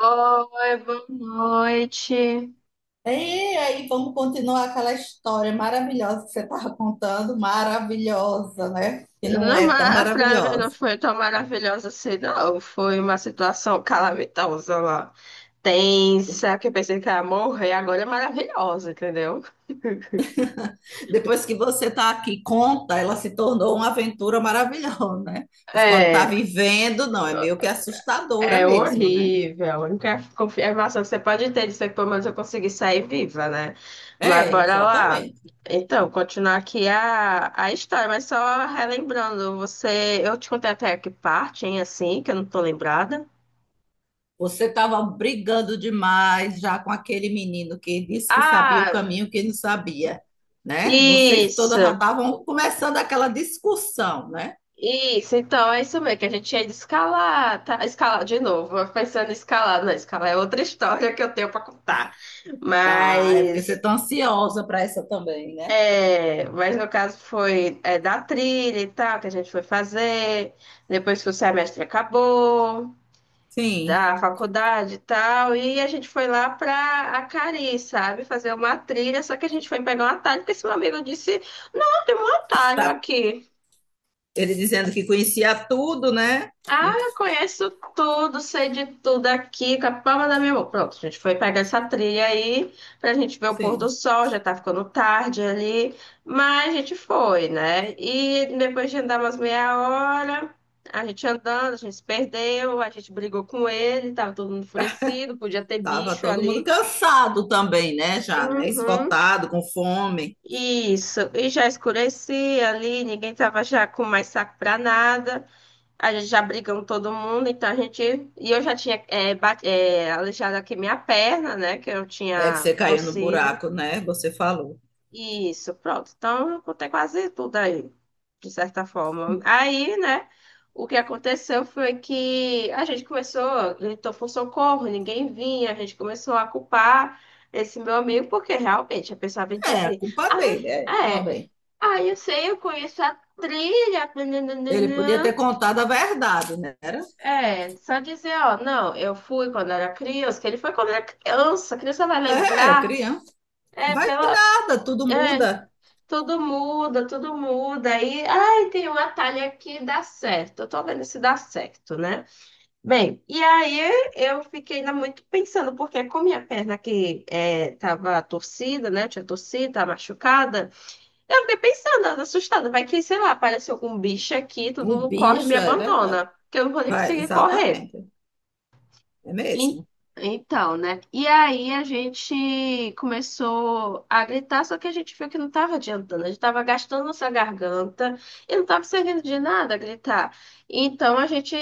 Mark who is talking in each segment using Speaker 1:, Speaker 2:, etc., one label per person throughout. Speaker 1: Oi, boa noite.
Speaker 2: E aí, vamos continuar aquela história maravilhosa que você estava contando, maravilhosa, né? Que não
Speaker 1: Não,
Speaker 2: é tão
Speaker 1: mas pra mim não
Speaker 2: maravilhosa.
Speaker 1: foi tão maravilhosa assim, não. Foi uma situação calamitosa lá. Tensa, que eu pensei que ia morrer, agora é maravilhosa, entendeu?
Speaker 2: Depois que você está aqui, conta, ela se tornou uma aventura maravilhosa, né? Mas quando está
Speaker 1: É.
Speaker 2: vivendo, não, é meio que assustadora
Speaker 1: É
Speaker 2: mesmo, né?
Speaker 1: horrível. A única confirmação que você pode ter disso é que pelo menos eu consegui sair viva, né? Mas
Speaker 2: É,
Speaker 1: bora lá.
Speaker 2: exatamente.
Speaker 1: Então, continuar aqui a história, mas só relembrando, você. Eu te contei até que parte, hein, assim, que eu não tô lembrada.
Speaker 2: Você estava brigando demais já com aquele menino que disse que sabia o
Speaker 1: Ah,
Speaker 2: caminho que não sabia, né? Vocês todas já
Speaker 1: isso.
Speaker 2: estavam começando aquela discussão, né?
Speaker 1: Isso, então é isso mesmo, que a gente ia de escalar, tá? Escalar de novo, eu pensando em escalar, não, escalar é outra história que eu tenho para contar.
Speaker 2: Ah, é porque você
Speaker 1: Mas.
Speaker 2: está ansiosa para essa também, né?
Speaker 1: É, mas no caso foi da trilha e tal, que a gente foi fazer, depois que o semestre acabou,
Speaker 2: Sim.
Speaker 1: da faculdade e tal, e a gente foi lá pra Acari, sabe, fazer uma trilha, só que a gente foi pegar um atalho, porque esse meu amigo disse, não, tem um atalho
Speaker 2: Tá,
Speaker 1: aqui.
Speaker 2: ele dizendo que conhecia tudo, né?
Speaker 1: Ah,
Speaker 2: Não,
Speaker 1: eu conheço tudo, sei de tudo aqui, com a palma da minha mão. Pronto, a gente foi pegar essa trilha aí pra gente ver o pôr
Speaker 2: sim.
Speaker 1: do sol, já tá ficando tarde ali, mas a gente foi, né? E depois de andar umas meia hora, a gente andando, a gente se perdeu, a gente brigou com ele, tava todo mundo enfurecido, podia ter
Speaker 2: Tava
Speaker 1: bicho
Speaker 2: todo mundo
Speaker 1: ali.
Speaker 2: cansado também, né? Já, né?
Speaker 1: Uhum,
Speaker 2: Esgotado, com fome,
Speaker 1: isso, e já escurecia ali, ninguém tava já com mais saco pra nada. A gente já brigamos todo mundo, então a gente. E eu já tinha aleijado aqui minha perna, né? Que eu
Speaker 2: né? Que
Speaker 1: tinha
Speaker 2: você caiu no
Speaker 1: torcido.
Speaker 2: buraco, né? Você falou.
Speaker 1: Isso, pronto. Então eu contei quase tudo aí, de certa forma. Aí, né? O que aconteceu foi que a gente começou, gritou por socorro, ninguém vinha, a gente começou a culpar esse meu amigo, porque realmente a pessoa vem
Speaker 2: É, a
Speaker 1: dizer:
Speaker 2: culpa
Speaker 1: Ah,
Speaker 2: dele, é,
Speaker 1: é,
Speaker 2: também.
Speaker 1: ah, eu sei, eu conheço a trilha.
Speaker 2: Ele podia ter contado a verdade, né? Era,
Speaker 1: É, só dizer, ó, não, eu fui quando era criança, que ele foi quando era criança, a criança vai
Speaker 2: é,
Speaker 1: lembrar,
Speaker 2: criança.
Speaker 1: é,
Speaker 2: Vai
Speaker 1: pela,
Speaker 2: nada, tudo
Speaker 1: é,
Speaker 2: muda.
Speaker 1: tudo muda, aí, ai, tem um atalho aqui, dá certo, eu tô vendo se dá certo, né? Bem, e aí eu fiquei ainda muito pensando, porque com minha perna tava torcida, né, tinha torcida, tava machucada, eu fiquei pensando, assustada, vai que, sei lá, aparece algum bicho aqui, todo
Speaker 2: Um
Speaker 1: mundo corre e me
Speaker 2: bicho, é verdade.
Speaker 1: abandona, que eu não vou nem
Speaker 2: Vai,
Speaker 1: conseguir correr.
Speaker 2: exatamente. É
Speaker 1: E-
Speaker 2: mesmo?
Speaker 1: Então, né? E aí a gente começou a gritar, só que a gente viu que não estava adiantando, a gente estava gastando nossa garganta e não estava servindo de nada gritar. Então a gente,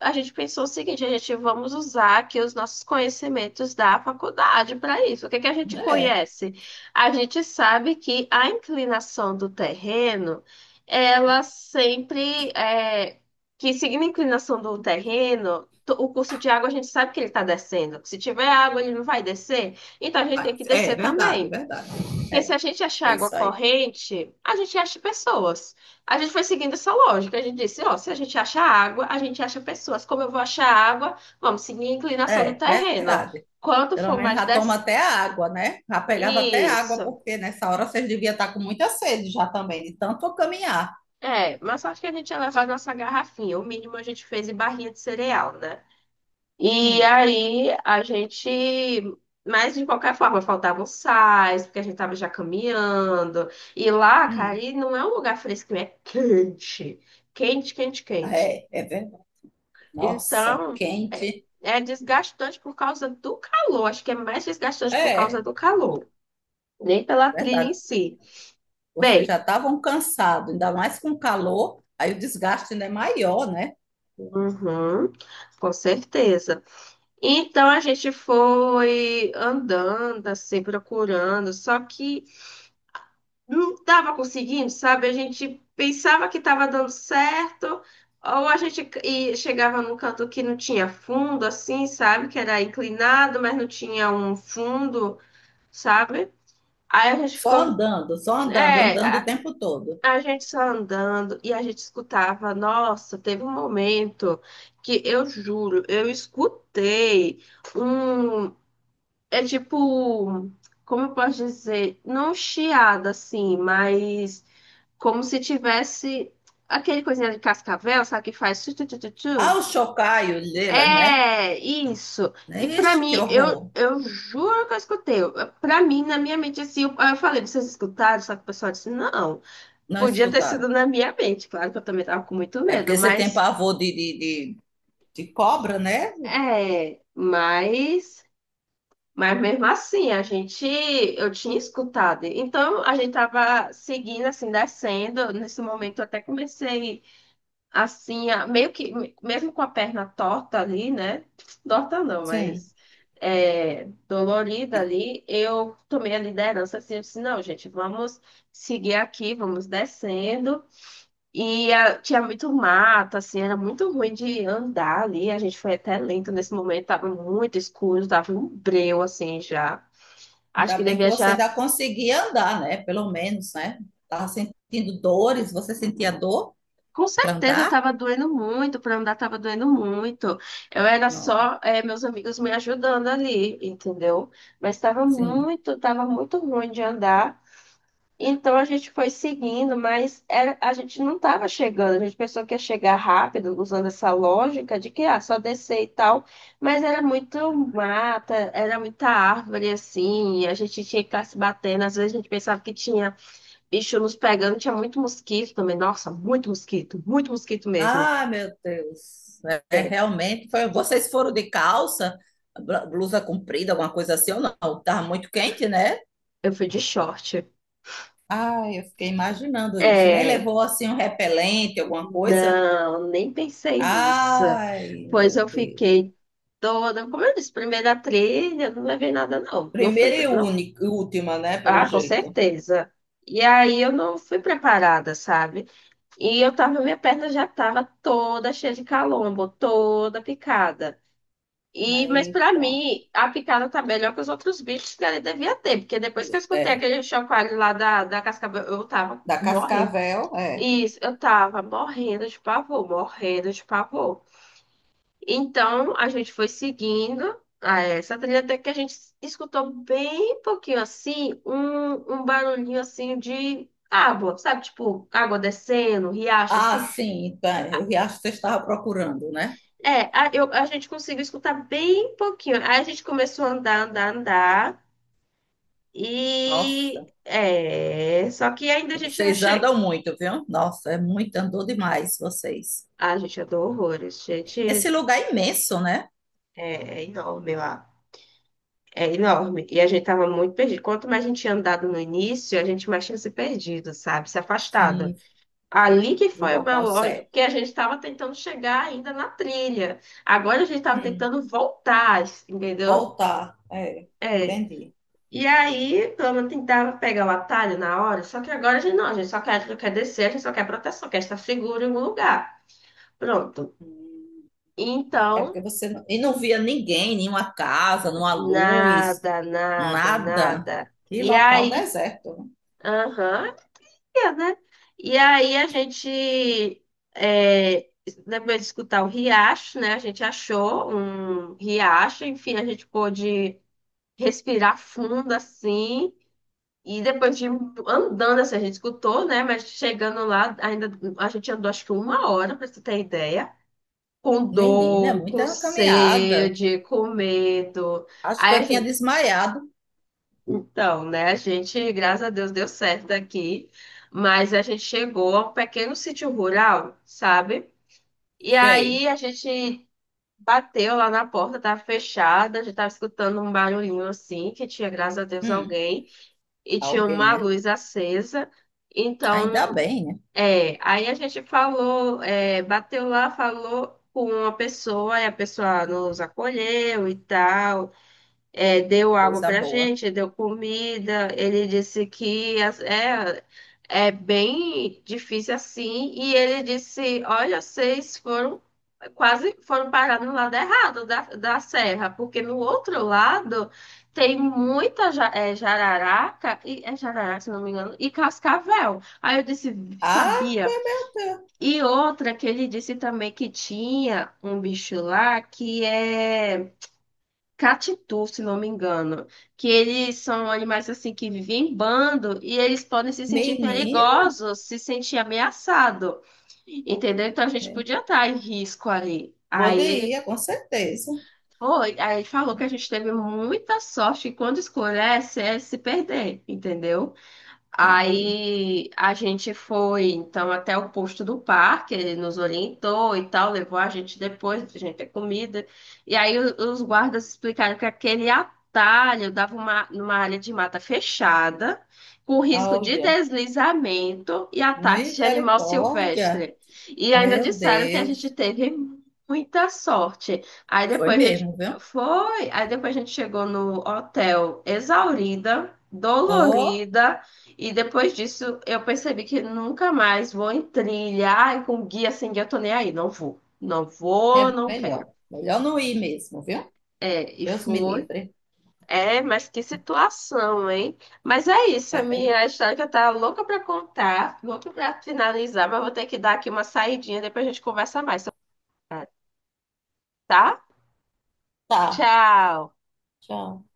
Speaker 1: a gente pensou o seguinte, a gente vamos usar aqui os nossos conhecimentos da faculdade para isso. O que que a gente
Speaker 2: É,
Speaker 1: conhece? A gente sabe que a inclinação do terreno, ela sempre é, que seguindo a inclinação do terreno o curso de água a gente sabe que ele está descendo. Se tiver água, ele não vai descer. Então a gente tem
Speaker 2: mas,
Speaker 1: que
Speaker 2: é
Speaker 1: descer
Speaker 2: verdade, é
Speaker 1: também.
Speaker 2: verdade.
Speaker 1: Porque se
Speaker 2: É.
Speaker 1: a gente achar
Speaker 2: É
Speaker 1: água
Speaker 2: isso aí.
Speaker 1: corrente, a gente acha pessoas. A gente foi seguindo essa lógica. A gente disse, ó, se a gente acha água, a gente acha pessoas. Como eu vou achar água? Vamos seguir a inclinação do
Speaker 2: É,
Speaker 1: terreno. Ó.
Speaker 2: verdade.
Speaker 1: Quanto
Speaker 2: Pelo
Speaker 1: for
Speaker 2: menos
Speaker 1: mais
Speaker 2: já toma
Speaker 1: des...
Speaker 2: até água, né? Já pegava até água,
Speaker 1: Isso.
Speaker 2: porque nessa hora vocês deviam estar com muita sede já também, de tanto caminhar.
Speaker 1: É, mas acho que a gente ia levar nossa garrafinha. O mínimo a gente fez em barrinha de cereal, né? E
Speaker 2: Hum,
Speaker 1: aí a gente. Mas de qualquer forma, faltavam sais, porque a gente tava já caminhando. E lá, cara,
Speaker 2: hum.
Speaker 1: e não é um lugar fresquinho, é quente. Quente, quente, quente.
Speaker 2: É, é verdade. Nossa,
Speaker 1: Então, é,
Speaker 2: quente.
Speaker 1: é desgastante por causa do calor. Acho que é mais desgastante por causa
Speaker 2: É,
Speaker 1: do calor. Nem pela trilha em
Speaker 2: verdade.
Speaker 1: si.
Speaker 2: Vocês
Speaker 1: Bem,
Speaker 2: já estavam cansados, ainda mais com calor, aí o desgaste ainda é maior, né?
Speaker 1: uhum, com certeza. Então a gente foi andando, assim, procurando. Só que. Não estava conseguindo, sabe? A gente pensava que estava dando certo, ou a gente e chegava num canto que não tinha fundo, assim, sabe? Que era inclinado, mas não tinha um fundo, sabe? Aí a gente ficou,
Speaker 2: Só andando,
Speaker 1: é,
Speaker 2: andando o
Speaker 1: a,
Speaker 2: tempo todo.
Speaker 1: a gente só andando e a gente escutava. Nossa, teve um momento que eu juro, eu escutei um, é tipo, como eu posso dizer, não chiado assim, mas como se tivesse aquele coisinha de cascavel, sabe, que faz tu, tu, tu, tu,
Speaker 2: Ah,
Speaker 1: tu.
Speaker 2: o chocalho dela, né?
Speaker 1: É, isso. E pra
Speaker 2: Ixi, que
Speaker 1: mim,
Speaker 2: horror.
Speaker 1: eu juro que eu escutei. Eu- Pra mim, na minha mente, assim, eu falei, vocês escutaram? Só que o pessoal disse, não.
Speaker 2: Não
Speaker 1: Podia ter
Speaker 2: escutaram.
Speaker 1: sido na minha mente, claro que eu também tava com muito
Speaker 2: É
Speaker 1: medo,
Speaker 2: porque você tem
Speaker 1: mas,
Speaker 2: pavor de cobra, né?
Speaker 1: é, mas mesmo assim, a gente, eu tinha escutado. Então, a gente tava seguindo, assim, descendo. Nesse momento, eu até comecei assim, a- meio que, mesmo com a perna torta ali, né? Torta não,
Speaker 2: Sim.
Speaker 1: mas é, dolorida
Speaker 2: E
Speaker 1: ali, eu tomei a liderança assim, eu disse, não, gente, vamos seguir aqui, vamos descendo. E ah, tinha muito mato, assim, era muito ruim de andar ali, a gente foi até lento nesse momento, tava muito escuro, tava um breu, assim, já. Acho
Speaker 2: ainda
Speaker 1: que
Speaker 2: bem que
Speaker 1: devia
Speaker 2: você
Speaker 1: já
Speaker 2: ainda conseguia andar, né? Pelo menos, né? Tava sentindo dores, você sentia dor
Speaker 1: Com
Speaker 2: para
Speaker 1: certeza eu
Speaker 2: andar?
Speaker 1: tava doendo muito, pra andar tava doendo muito. Eu era
Speaker 2: Não.
Speaker 1: só meus amigos me ajudando ali, entendeu? Mas
Speaker 2: Sim.
Speaker 1: tava muito ruim de andar. Então a gente foi seguindo, mas era- a gente não tava chegando. A gente pensou que ia chegar rápido, usando essa lógica de que ah, só descer e tal. Mas era muito mata, era muita árvore assim, e a gente tinha que estar se batendo. Às vezes a gente pensava que tinha bicho nos pegando, tinha muito mosquito também. Nossa, muito mosquito mesmo.
Speaker 2: Ah, meu Deus. É, é,
Speaker 1: É,
Speaker 2: realmente foi. Vocês foram de calça, blusa comprida, alguma coisa assim ou não? Tava muito quente, né?
Speaker 1: eu fui de short.
Speaker 2: Ah, eu fiquei imaginando isso. Nem
Speaker 1: É,
Speaker 2: levou assim um repelente, alguma coisa?
Speaker 1: não, nem pensei nisso.
Speaker 2: Ai,
Speaker 1: Pois
Speaker 2: meu
Speaker 1: eu
Speaker 2: Deus.
Speaker 1: fiquei toda. Como eu disse, primeira trilha, não levei nada, não. Não fui.
Speaker 2: Primeira e
Speaker 1: Pre- Não.
Speaker 2: única, última, né? Pelo
Speaker 1: Ah, com
Speaker 2: jeito.
Speaker 1: certeza. E aí eu não fui preparada, sabe? E eu tava, minha perna já tava toda cheia de calombo, toda picada. E, mas para
Speaker 2: Eita.
Speaker 1: mim, a picada tá melhor que os outros bichos que ele devia ter, porque depois que eu escutei
Speaker 2: É,
Speaker 1: aquele chacoalho lá da cascavel, eu tava
Speaker 2: da
Speaker 1: morrendo.
Speaker 2: cascavel, é.
Speaker 1: Isso, eu tava morrendo de pavor, morrendo de pavor. Então, a gente foi seguindo a essa trilha até que a gente escutou bem pouquinho assim, um barulhinho assim de água, sabe? Tipo, água descendo, riacho
Speaker 2: Ah,
Speaker 1: assim.
Speaker 2: sim, tá, o riacho que você estava procurando, né?
Speaker 1: A gente conseguiu escutar bem pouquinho. Aí a gente começou a andar, andar, andar. E
Speaker 2: Nossa,
Speaker 1: é, só que ainda a gente não
Speaker 2: vocês
Speaker 1: chega.
Speaker 2: andam muito, viu? Nossa, é muito, andou demais vocês.
Speaker 1: Ah, gente, eu dou horrores. Gente,
Speaker 2: Esse lugar é imenso, né?
Speaker 1: é, é enorme lá. É enorme. E a gente tava muito perdido. Quanto mais a gente tinha andado no início, a gente mais tinha se perdido, sabe? Se afastado.
Speaker 2: Sim,
Speaker 1: Ali que
Speaker 2: do
Speaker 1: foi uma
Speaker 2: local
Speaker 1: loja, porque
Speaker 2: certo.
Speaker 1: a gente estava tentando chegar ainda na trilha. Agora a gente estava
Speaker 2: Hum,
Speaker 1: tentando voltar, entendeu?
Speaker 2: voltar, é,
Speaker 1: É.
Speaker 2: entendi.
Speaker 1: E aí, pelo menos tentava pegar o atalho na hora, só que agora a gente não, a gente só quer, quer descer, a gente só quer proteção, quer estar seguro em algum lugar. Pronto.
Speaker 2: Hum, é
Speaker 1: Então,
Speaker 2: porque você não, e não via ninguém, nenhuma casa, nenhuma luz,
Speaker 1: nada, nada,
Speaker 2: nada.
Speaker 1: nada.
Speaker 2: Que
Speaker 1: E
Speaker 2: local
Speaker 1: aí,
Speaker 2: deserto, né?
Speaker 1: aham, é, né? E aí a gente, é, depois de escutar o riacho, né? A gente achou um riacho, enfim, a gente pôde respirar fundo assim. E depois de andando, assim, a gente escutou, né? Mas chegando lá, ainda a gente andou acho que uma hora, para você ter ideia. Com
Speaker 2: Menina, é
Speaker 1: dor, com
Speaker 2: muita caminhada.
Speaker 1: sede, com medo.
Speaker 2: Acho que
Speaker 1: Aí a
Speaker 2: eu tinha
Speaker 1: gente,
Speaker 2: desmaiado.
Speaker 1: então, né, a gente, graças a Deus, deu certo aqui, mas a gente chegou a um pequeno sítio rural, sabe? E
Speaker 2: Sei.
Speaker 1: aí a gente bateu lá na porta, tava fechada, a gente tava escutando um barulhinho assim, que tinha, graças a Deus,
Speaker 2: Hum,
Speaker 1: alguém, e tinha
Speaker 2: alguém,
Speaker 1: uma
Speaker 2: né?
Speaker 1: luz acesa.
Speaker 2: Ainda
Speaker 1: Então,
Speaker 2: bem, né?
Speaker 1: aí a gente falou, bateu lá, falou com uma pessoa, e a pessoa nos acolheu e tal deu água
Speaker 2: Coisa
Speaker 1: pra
Speaker 2: boa.
Speaker 1: gente, deu comida. Ele disse que é bem difícil assim. E ele disse: Olha, vocês foram quase foram parar no lado errado da serra, porque no outro lado tem muita jararaca, é jararaca, se não me engano, e cascavel. Aí eu disse:
Speaker 2: Ah,
Speaker 1: Sabia.
Speaker 2: meu Deus.
Speaker 1: E outra que ele disse também que tinha um bicho lá que é. Catitu, se não me engano, que eles são animais assim que vivem em bando e eles podem se sentir
Speaker 2: Menino,
Speaker 1: perigosos, se sentir ameaçado, entendeu? Então a gente
Speaker 2: é,
Speaker 1: podia estar em risco ali. Aí ele
Speaker 2: poderia, com certeza.
Speaker 1: foi, aí ele falou que a gente teve muita sorte que quando escurece é se perder, entendeu?
Speaker 2: Entendi.
Speaker 1: Aí a gente foi então até o posto do parque, ele nos orientou e tal, levou a gente depois, a gente ter comida. E aí os guardas explicaram que aquele atalho dava uma, numa área de mata fechada, com risco de
Speaker 2: Olha,
Speaker 1: deslizamento e ataques de animal
Speaker 2: misericórdia.
Speaker 1: silvestre. E ainda
Speaker 2: Meu
Speaker 1: disseram que a gente
Speaker 2: Deus.
Speaker 1: teve muita sorte. Aí
Speaker 2: Foi
Speaker 1: depois a gente
Speaker 2: mesmo, viu?
Speaker 1: foi, aí depois a gente chegou no hotel exaurida,
Speaker 2: Ou
Speaker 1: dolorida. E depois disso, eu percebi que nunca mais vou em trilha. Ai, com guia sem guia, eu tô nem aí. Não vou. Não vou,
Speaker 2: é
Speaker 1: não quero.
Speaker 2: melhor. Melhor não ir mesmo, viu?
Speaker 1: É, e
Speaker 2: Deus me
Speaker 1: foi.
Speaker 2: livre.
Speaker 1: É, mas que situação, hein? Mas é isso,
Speaker 2: É
Speaker 1: a
Speaker 2: verdade.
Speaker 1: minha história que eu tava louca pra contar, louca pra finalizar, mas vou ter que dar aqui uma saidinha, depois a gente conversa mais, sobre- isso, tá?
Speaker 2: Tá.
Speaker 1: Tchau!
Speaker 2: Tchau.